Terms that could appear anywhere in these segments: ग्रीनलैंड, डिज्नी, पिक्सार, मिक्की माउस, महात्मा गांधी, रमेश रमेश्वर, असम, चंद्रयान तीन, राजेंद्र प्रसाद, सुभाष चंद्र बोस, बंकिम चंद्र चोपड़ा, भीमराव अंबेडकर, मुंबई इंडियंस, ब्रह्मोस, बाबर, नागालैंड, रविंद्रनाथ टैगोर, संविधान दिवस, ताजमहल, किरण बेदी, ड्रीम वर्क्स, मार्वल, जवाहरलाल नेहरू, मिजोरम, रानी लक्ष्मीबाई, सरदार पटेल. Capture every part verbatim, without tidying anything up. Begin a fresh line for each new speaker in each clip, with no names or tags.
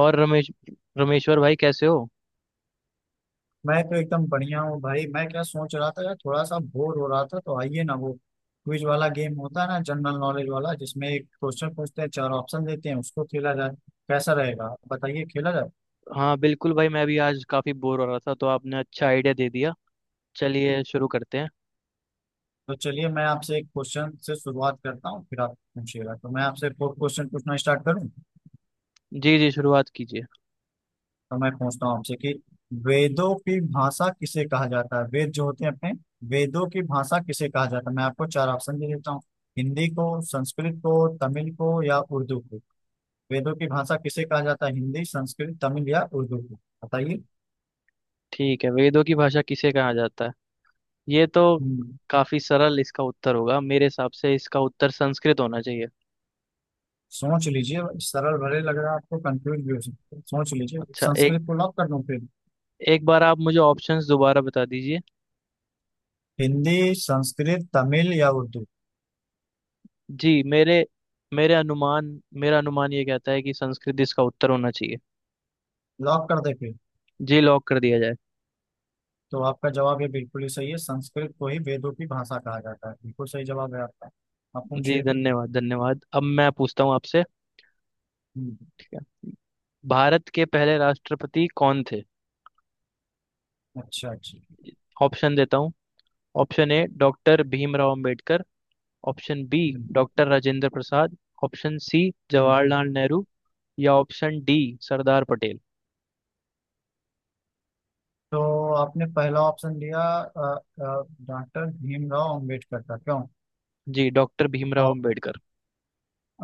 और रमेश रमेश्वर भाई, कैसे हो?
मैं तो एकदम बढ़िया हूँ भाई। मैं क्या सोच रहा था यार, थोड़ा सा बोर हो रहा था, तो आइए ना, वो क्विज वाला गेम होता है ना, जनरल नॉलेज वाला, जिसमें एक क्वेश्चन पूछते हैं, चार ऑप्शन देते हैं, उसको खेला जाए। कैसा रहेगा, बताइए, खेला जाए।
हाँ, बिल्कुल भाई, मैं भी आज काफी बोर हो रहा था, तो आपने अच्छा आइडिया दे दिया। चलिए शुरू करते हैं।
तो चलिए, मैं आपसे एक क्वेश्चन से शुरुआत करता हूँ, फिर आप पूछिएगा। तो मैं आपसे फोर्थ क्वेश्चन पूछना स्टार्ट करूँ।
जी जी, शुरुआत कीजिए।
तो मैं पूछता हूँ आपसे कि वेदों की भाषा किसे कहा जाता है? वेद जो होते हैं अपने, वेदों की भाषा किसे कहा जाता है? मैं आपको चार ऑप्शन दे देता हूँ। हिंदी को, संस्कृत को, तमिल को या उर्दू को। वेदों की भाषा किसे कहा जाता है? हिंदी, संस्कृत, तमिल या उर्दू को। बताइए।
ठीक है। वेदों की भाषा किसे कहा जाता है? ये तो
हम्म।
काफी सरल। इसका उत्तर होगा, मेरे हिसाब से इसका उत्तर संस्कृत होना चाहिए।
सोच लीजिए। सरल भले लग रहा है आपको, कंफ्यूज भी हो सकता है, सोच लीजिए।
अच्छा, एक
संस्कृत को लॉक कर दूं फिर?
एक बार आप मुझे ऑप्शंस दोबारा बता दीजिए।
हिंदी, संस्कृत, तमिल या उर्दू?
जी, मेरे मेरे अनुमान मेरा अनुमान ये कहता है कि संस्कृत इसका उत्तर होना चाहिए।
लॉक कर दे फिर।
जी, लॉक कर दिया जाए।
तो आपका जवाब ये बिल्कुल ही सही है, संस्कृत को ही वेदों की भाषा कहा जाता है। बिल्कुल सही जवाब है आपका। आप
जी,
पूछिए।
धन्यवाद धन्यवाद। अब मैं पूछता हूँ आपसे,
हम्म।
ठीक है? भारत के पहले राष्ट्रपति कौन थे?
अच्छा, अच्छा।
ऑप्शन देता हूँ। Option A, doctor भीमराव अंबेडकर। Option B,
hmm.
Doctor राजेंद्र प्रसाद। Option C,
hmm.
जवाहरलाल नेहरू। या ऑप्शन डी, सरदार पटेल।
तो आपने पहला ऑप्शन दिया, अ, अ, डॉक्टर भीमराव अम्बेडकर का, क्यों?
जी, डॉक्टर भीमराव अंबेडकर।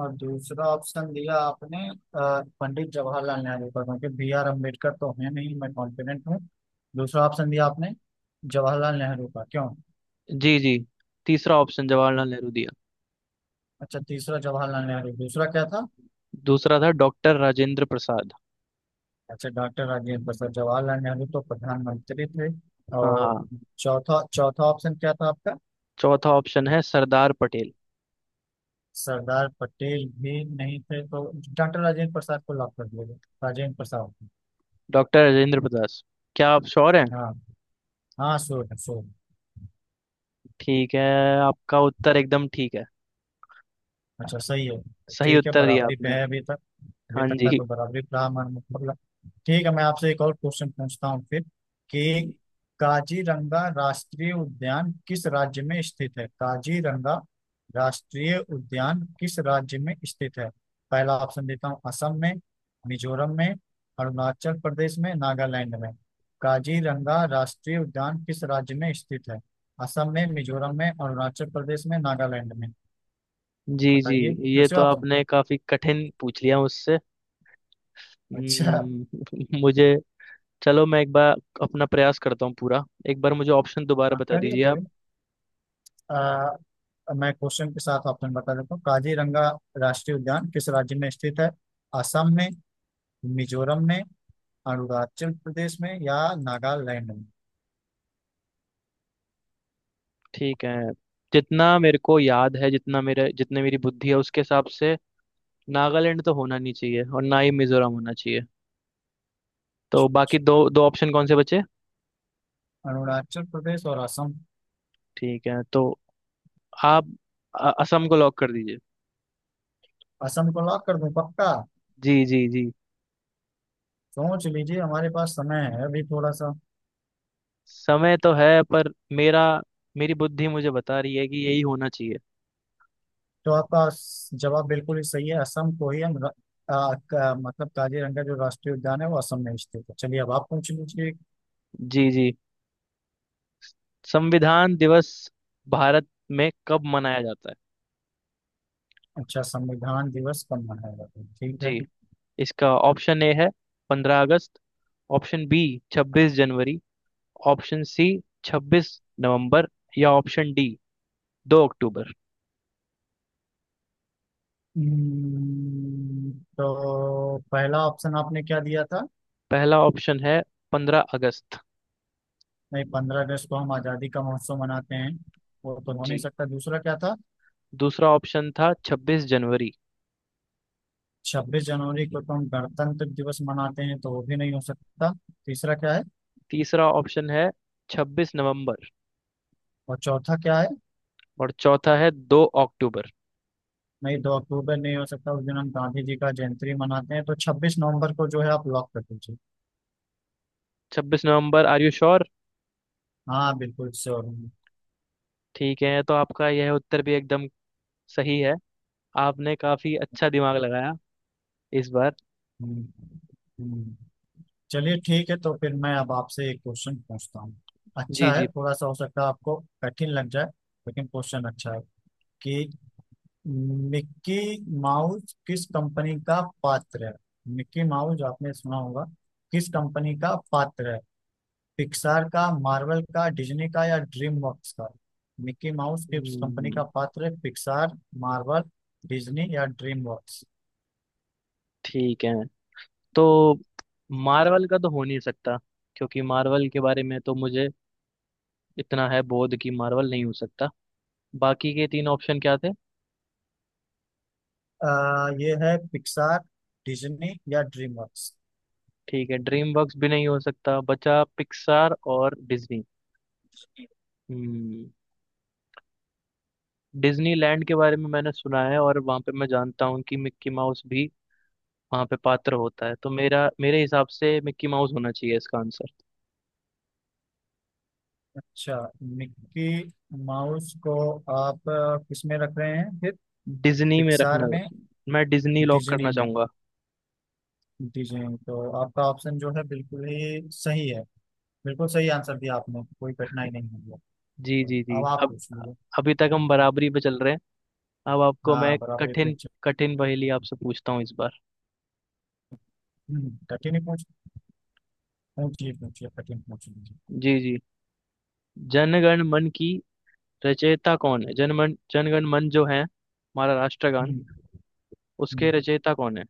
और दूसरा ऑप्शन दिया आपने अ, पंडित जवाहरलाल नेहरू का, क्योंकि बी आर अम्बेडकर तो है नहीं, मैं कॉन्फिडेंट हूँ। दूसरा ऑप्शन दिया आपने जवाहरलाल नेहरू का, क्यों?
जी जी, तीसरा ऑप्शन जवाहरलाल नेहरू दिया।
अच्छा, तीसरा जवाहरलाल नेहरू, दूसरा क्या था?
दूसरा था डॉक्टर राजेंद्र प्रसाद।
अच्छा, डॉक्टर राजेंद्र प्रसाद। जवाहरलाल नेहरू तो प्रधानमंत्री थे,
हाँ
और
हाँ।
चौथा चौथा ऑप्शन क्या था आपका?
चौथा ऑप्शन है सरदार पटेल।
सरदार पटेल भी नहीं थे, तो डॉक्टर राजेंद्र प्रसाद को लॉक कर दिया जाए। राजेंद्र प्रसाद।
डॉक्टर राजेंद्र प्रसाद। क्या आप श्योर हैं?
हाँ, हाँ, श्योर है, श्योर।
ठीक है, आपका उत्तर एकदम ठीक है।
अच्छा, सही है।
सही
ठीक है,
उत्तर दिया
बराबरी पे
आपने।
है अभी तक। अभी
हाँ
तक का
जी।
तो बराबरी रहा हमारा, मतलब। ठीक है, मैं आपसे एक और क्वेश्चन पूछता हूँ फिर, कि काजीरंगा राष्ट्रीय उद्यान किस राज्य में स्थित है? काजीरंगा राष्ट्रीय उद्यान किस राज्य में स्थित है? पहला ऑप्शन देता हूँ, असम में, मिजोरम में, अरुणाचल प्रदेश में, नागालैंड में। काजीरंगा राष्ट्रीय उद्यान किस राज्य में स्थित है? असम में, मिजोरम में, अरुणाचल प्रदेश में, नागालैंड में।
जी जी,
बताइए फिर
ये
से
तो
ऑप्शन।
आपने काफी कठिन पूछ लिया मुझसे।
अच्छा।
हम्म, मुझे, चलो मैं एक बार अपना प्रयास करता हूँ पूरा। एक बार मुझे ऑप्शन दोबारा
हाँ,
बता
करिए
दीजिए आप।
करिए। आ, अब मैं क्वेश्चन के साथ ऑप्शन बता देता हूँ। काजीरंगा राष्ट्रीय उद्यान किस राज्य में स्थित है? असम में, मिजोरम में, अरुणाचल प्रदेश में या नागालैंड में?
ठीक है। जितना मेरे को याद है जितना मेरे जितने मेरी बुद्धि है, उसके हिसाब से नागालैंड तो होना नहीं चाहिए और ना ही मिजोरम होना चाहिए। तो बाकी दो दो ऑप्शन कौन से बचे?
अरुणाचल प्रदेश और असम।
ठीक है, तो आप अ- असम को लॉक कर दीजिए।
असम को लॉक कर दूं पक्का?
जी जी जी।
सोच लीजिए, हमारे पास समय है अभी थोड़ा सा।
समय तो है, पर मेरा मेरी बुद्धि मुझे बता रही है कि यही होना चाहिए।
तो आपका स- जवाब बिल्कुल ही सही है, असम को ही हम र- आ, का, मतलब काजीरंगा जो राष्ट्रीय उद्यान है वो असम में स्थित है। चलिए, अब आप पूछ लीजिए।
जी जी। संविधान दिवस भारत में कब मनाया जाता है?
अच्छा, संविधान दिवस कब मनाया जाता है, ठीक है।
जी, इसका ऑप्शन ए है पंद्रह अगस्त। ऑप्शन बी, छब्बीस जनवरी। ऑप्शन सी, छब्बीस नवंबर। या ऑप्शन डी, दो अक्टूबर।
हम्म। तो पहला ऑप्शन आपने क्या दिया था?
पहला ऑप्शन है पंद्रह अगस्त।
नहीं, पंद्रह अगस्त को हम आज़ादी का महोत्सव मनाते हैं, वो तो हो नहीं
जी,
सकता। दूसरा क्या था?
दूसरा ऑप्शन था छब्बीस जनवरी।
छब्बीस जनवरी को तो हम गणतंत्र दिवस मनाते हैं, तो वो भी नहीं हो सकता। तीसरा क्या है?
तीसरा ऑप्शन है छब्बीस नवंबर।
और चौथा क्या है?
और चौथा है दो अक्टूबर।
नहीं, दो अक्टूबर नहीं हो सकता, उस दिन हम गांधी जी का जयंती मनाते हैं। तो छब्बीस नवंबर को जो है आप लॉक कर दीजिए।
छब्बीस नवंबर, आर यू श्योर?
हाँ, बिल्कुल श्योर हूँ।
ठीक है, तो आपका यह उत्तर भी एकदम सही है। आपने काफी अच्छा दिमाग लगाया इस बार।
हम्म। हम्म। चलिए, ठीक है। तो फिर मैं अब आपसे एक क्वेश्चन पूछता हूँ,
जी
अच्छा है,
जी।
थोड़ा सा हो सकता है आपको कठिन लग जाए, लेकिन क्वेश्चन अच्छा है, कि मिक्की माउस किस कंपनी का पात्र है? मिक्की माउस आपने सुना होगा, किस कंपनी का पात्र है? पिक्सार का, मार्वल का, डिज्नी का या ड्रीम वर्क्स का? मिक्की माउस किस कंपनी का
हम्म,
पात्र है? पिक्सार, मार्वल, डिज्नी या ड्रीम वर्क्स?
ठीक है। तो मार्वल का तो हो नहीं सकता, क्योंकि मार्वल के बारे में तो मुझे इतना है बोध कि मार्वल नहीं हो सकता। बाकी के तीन ऑप्शन क्या थे?
ये है पिक्सार, डिज्नी या ड्रीम वर्क्स।
ठीक है, ड्रीम वर्क्स भी नहीं हो सकता। बचा पिक्सार और डिज्नी। हम्म डिज्नी लैंड के बारे में मैंने सुना है, और वहाँ पे मैं जानता हूँ कि मिक्की माउस भी वहाँ पे पात्र होता है। तो मेरा मेरे हिसाब से मिक्की माउस होना चाहिए इसका आंसर।
अच्छा, मिक्की माउस को आप अ, किस में रख रहे हैं फिर?
डिज्नी में
पिक्सार
रखना।
में?
मैं डिज्नी लॉक
डिज्नी
करना
में?
चाहूंगा।
डिज्नी, तो आपका ऑप्शन जो है बिल्कुल ही सही है, बिल्कुल सही आंसर दिया आपने, कोई कठिनाई नहीं हुई है।
जी
तो
जी जी।
अब आप पूछ लीजिए।
अभी तक हम बराबरी पे चल रहे हैं। अब आपको
हाँ,
मैं
बराबर, ये
कठिन,
पूछिए।
कठिन पहेली आपसे पूछता हूँ इस बार।
हम्म, कठिन ही पूछ पूछिए पूछिए, कठिन पूछ लीजिए।
जी जी। जनगण मन की रचयिता कौन है? जनमन जनगण मन जो है हमारा राष्ट्रगान,
हम्म।
उसके
हम्म।
रचयिता कौन है?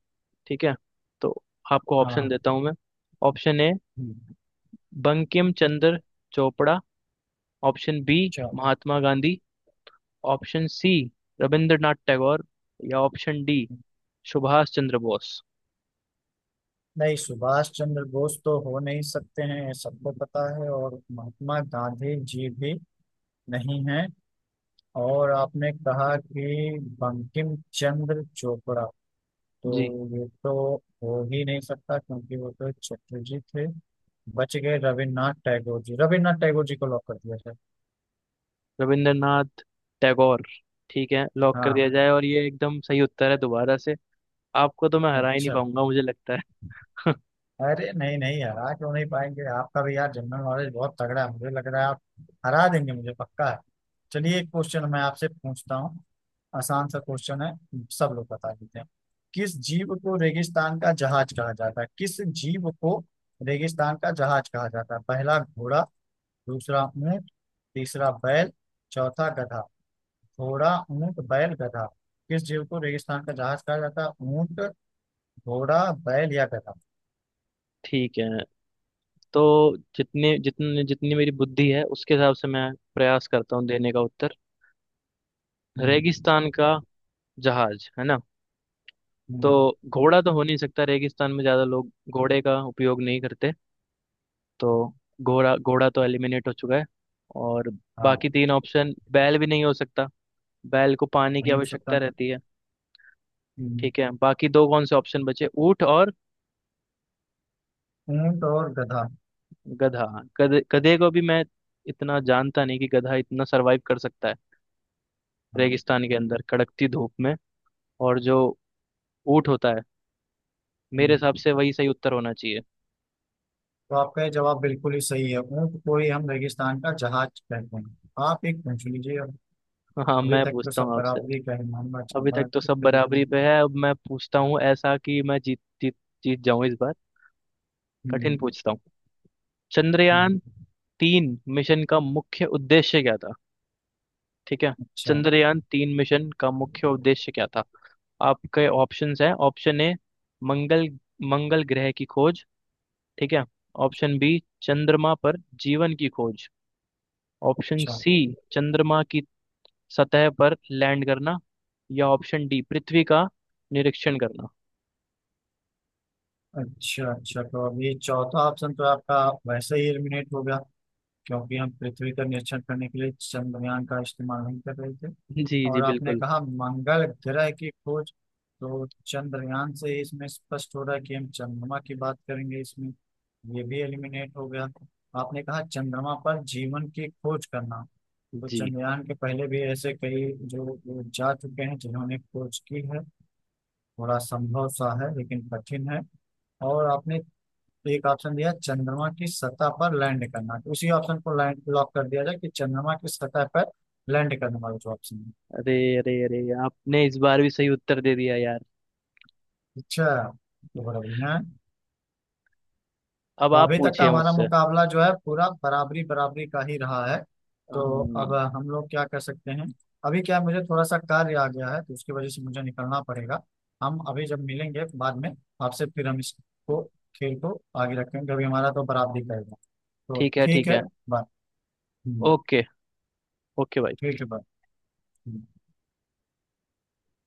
ठीक है, तो आपको ऑप्शन
हाँ।
देता हूँ मैं। ऑप्शन ए,
हम्म।
बंकिम चंद्र चोपड़ा। ऑप्शन बी,
अच्छा।
महात्मा गांधी। Option C, रविंद्रनाथ टैगोर। या ऑप्शन डी, सुभाष चंद्र बोस।
नहीं, सुभाष चंद्र बोस तो हो नहीं सकते हैं, ये सबको पता है, और महात्मा गांधी जी भी नहीं है। और आपने कहा कि बंकिम चंद्र चोपड़ा, तो
जी,
ये तो हो ही नहीं सकता, क्योंकि वो तो एक चटर्जी थे। बच गए रविन्द्रनाथ टैगोर जी, रविन्द्रनाथ टैगोर जी को लॉक कर दिया सर।
रविंद्रनाथ टैगोर। ठीक है, लॉक कर
हाँ।
दिया जाए। और ये एकदम सही उत्तर है दोबारा से। आपको तो मैं हरा ही नहीं
अच्छा।
पाऊंगा, मुझे लगता है।
अरे नहीं, नहीं, हरा क्यों नहीं पाएंगे? आपका भी यार जनरल नॉलेज बहुत तगड़ा है, मुझे लग रहा है आप हरा देंगे मुझे, पक्का है। चलिए, एक क्वेश्चन मैं आपसे पूछता हूँ, आसान सा क्वेश्चन है, सब लोग बता देते हैं। किस जीव को रेगिस्तान का जहाज कहा जाता है? किस जीव को रेगिस्तान का जहाज कहा जाता है? पहला घोड़ा, दूसरा ऊंट, तीसरा बैल, चौथा गधा। घोड़ा, ऊंट, बैल, गधा। किस जीव को रेगिस्तान का जहाज कहा जाता है? ऊंट, घोड़ा, बैल या गधा?
ठीक है, तो जितने जितने जितनी मेरी बुद्धि है उसके हिसाब से मैं प्रयास करता हूँ देने का उत्तर।
हम्म।
रेगिस्तान का जहाज है ना। तो
हम्म।
घोड़ा तो हो नहीं सकता, रेगिस्तान में ज्यादा लोग घोड़े का उपयोग नहीं करते। तो घोड़ा घोड़ा तो एलिमिनेट हो चुका है। और
हाँ,
बाकी तीन ऑप्शन, बैल भी नहीं हो सकता। बैल को पानी की
नहीं हो
आवश्यकता
सकता।
रहती है। ठीक है, बाकी दो कौन से ऑप्शन बचे? ऊंट और
ऊंट और गधा।
गधा। गधे गधे को भी मैं इतना जानता नहीं कि गधा इतना सरवाइव कर सकता है
हाँ।
रेगिस्तान के अंदर कड़कती धूप में। और जो ऊंट होता है, मेरे हिसाब
हम्म।
से वही सही उत्तर होना चाहिए।
तो आपका ये जवाब बिल्कुल ही सही है, ऊंट को ही हम रेगिस्तान का जहाज कहते हैं। आप एक पूछ लीजिए अब।
हाँ,
अभी
मैं
तक तो
पूछता
सब
हूँ आपसे।
बराबरी ही का ही मामला चल
अभी
रहा
तक
है
तो
उस
सब
तरीके
बराबरी
से।
पे है। अब मैं पूछता हूँ ऐसा कि मैं जीत जीत जीत जाऊं इस बार। कठिन
हम्म।
पूछता हूँ। चंद्रयान
हम्म।
तीन मिशन का मुख्य उद्देश्य क्या था? ठीक है।
अच्छा,
चंद्रयान तीन मिशन का मुख्य उद्देश्य क्या था? आपके ऑप्शंस हैं। ऑप्शन ए, मंगल मंगल ग्रह की खोज, ठीक है?
अच्छा,
ऑप्शन बी, चंद्रमा पर जीवन की खोज। ऑप्शन
अच्छा,
सी, चंद्रमा की सतह पर लैंड करना। या ऑप्शन डी, पृथ्वी का निरीक्षण करना।
अच्छा, अच्छा। तो अब ये चौथा ऑप्शन तो आपका वैसे ही एलिमिनेट हो गया, क्योंकि हम पृथ्वी का निरीक्षण करने के लिए चंद्रयान का इस्तेमाल नहीं कर रहे थे।
जी जी,
और आपने
बिल्कुल।
कहा मंगल ग्रह की खोज, तो चंद्रयान से ही इसमें स्पष्ट हो रहा है कि हम चंद्रमा की बात करेंगे इसमें, ये भी एलिमिनेट हो गया। आपने कहा चंद्रमा पर जीवन की खोज करना, तो
जी,
चंद्रयान के पहले भी ऐसे कई जो लोग जा चुके हैं जिन्होंने खोज की है, थोड़ा संभव सा है लेकिन कठिन है। और आपने तो एक ऑप्शन दिया चंद्रमा की सतह पर लैंड करना, तो उसी ऑप्शन को लैंड लॉक कर दिया जाए, कि चंद्रमा की सतह पर लैंड करने वाला जो ऑप्शन है।
अरे अरे अरे, आपने इस बार भी सही उत्तर दे दिया यार।
अच्छा, तो बड़ा बढ़िया है।
अब
तो
आप
अभी तक का
पूछिए
हमारा
मुझसे।
मुकाबला जो है पूरा बराबरी बराबरी का ही रहा है। तो अब
हाँ।
हम लोग क्या कर सकते हैं? अभी क्या है, मुझे थोड़ा सा कार्य आ गया है तो उसकी वजह से मुझे निकलना पड़ेगा। हम अभी जब मिलेंगे बाद में, आपसे फिर हम इसको, खेल को आगे रखेंगे, अभी हमारा तो बराबरी का ही है। तो
ठीक है
ठीक
ठीक
है,
है।
बाय। हम्म।
ओके, ओके भाई।
ठीक है, बाय। हम्म।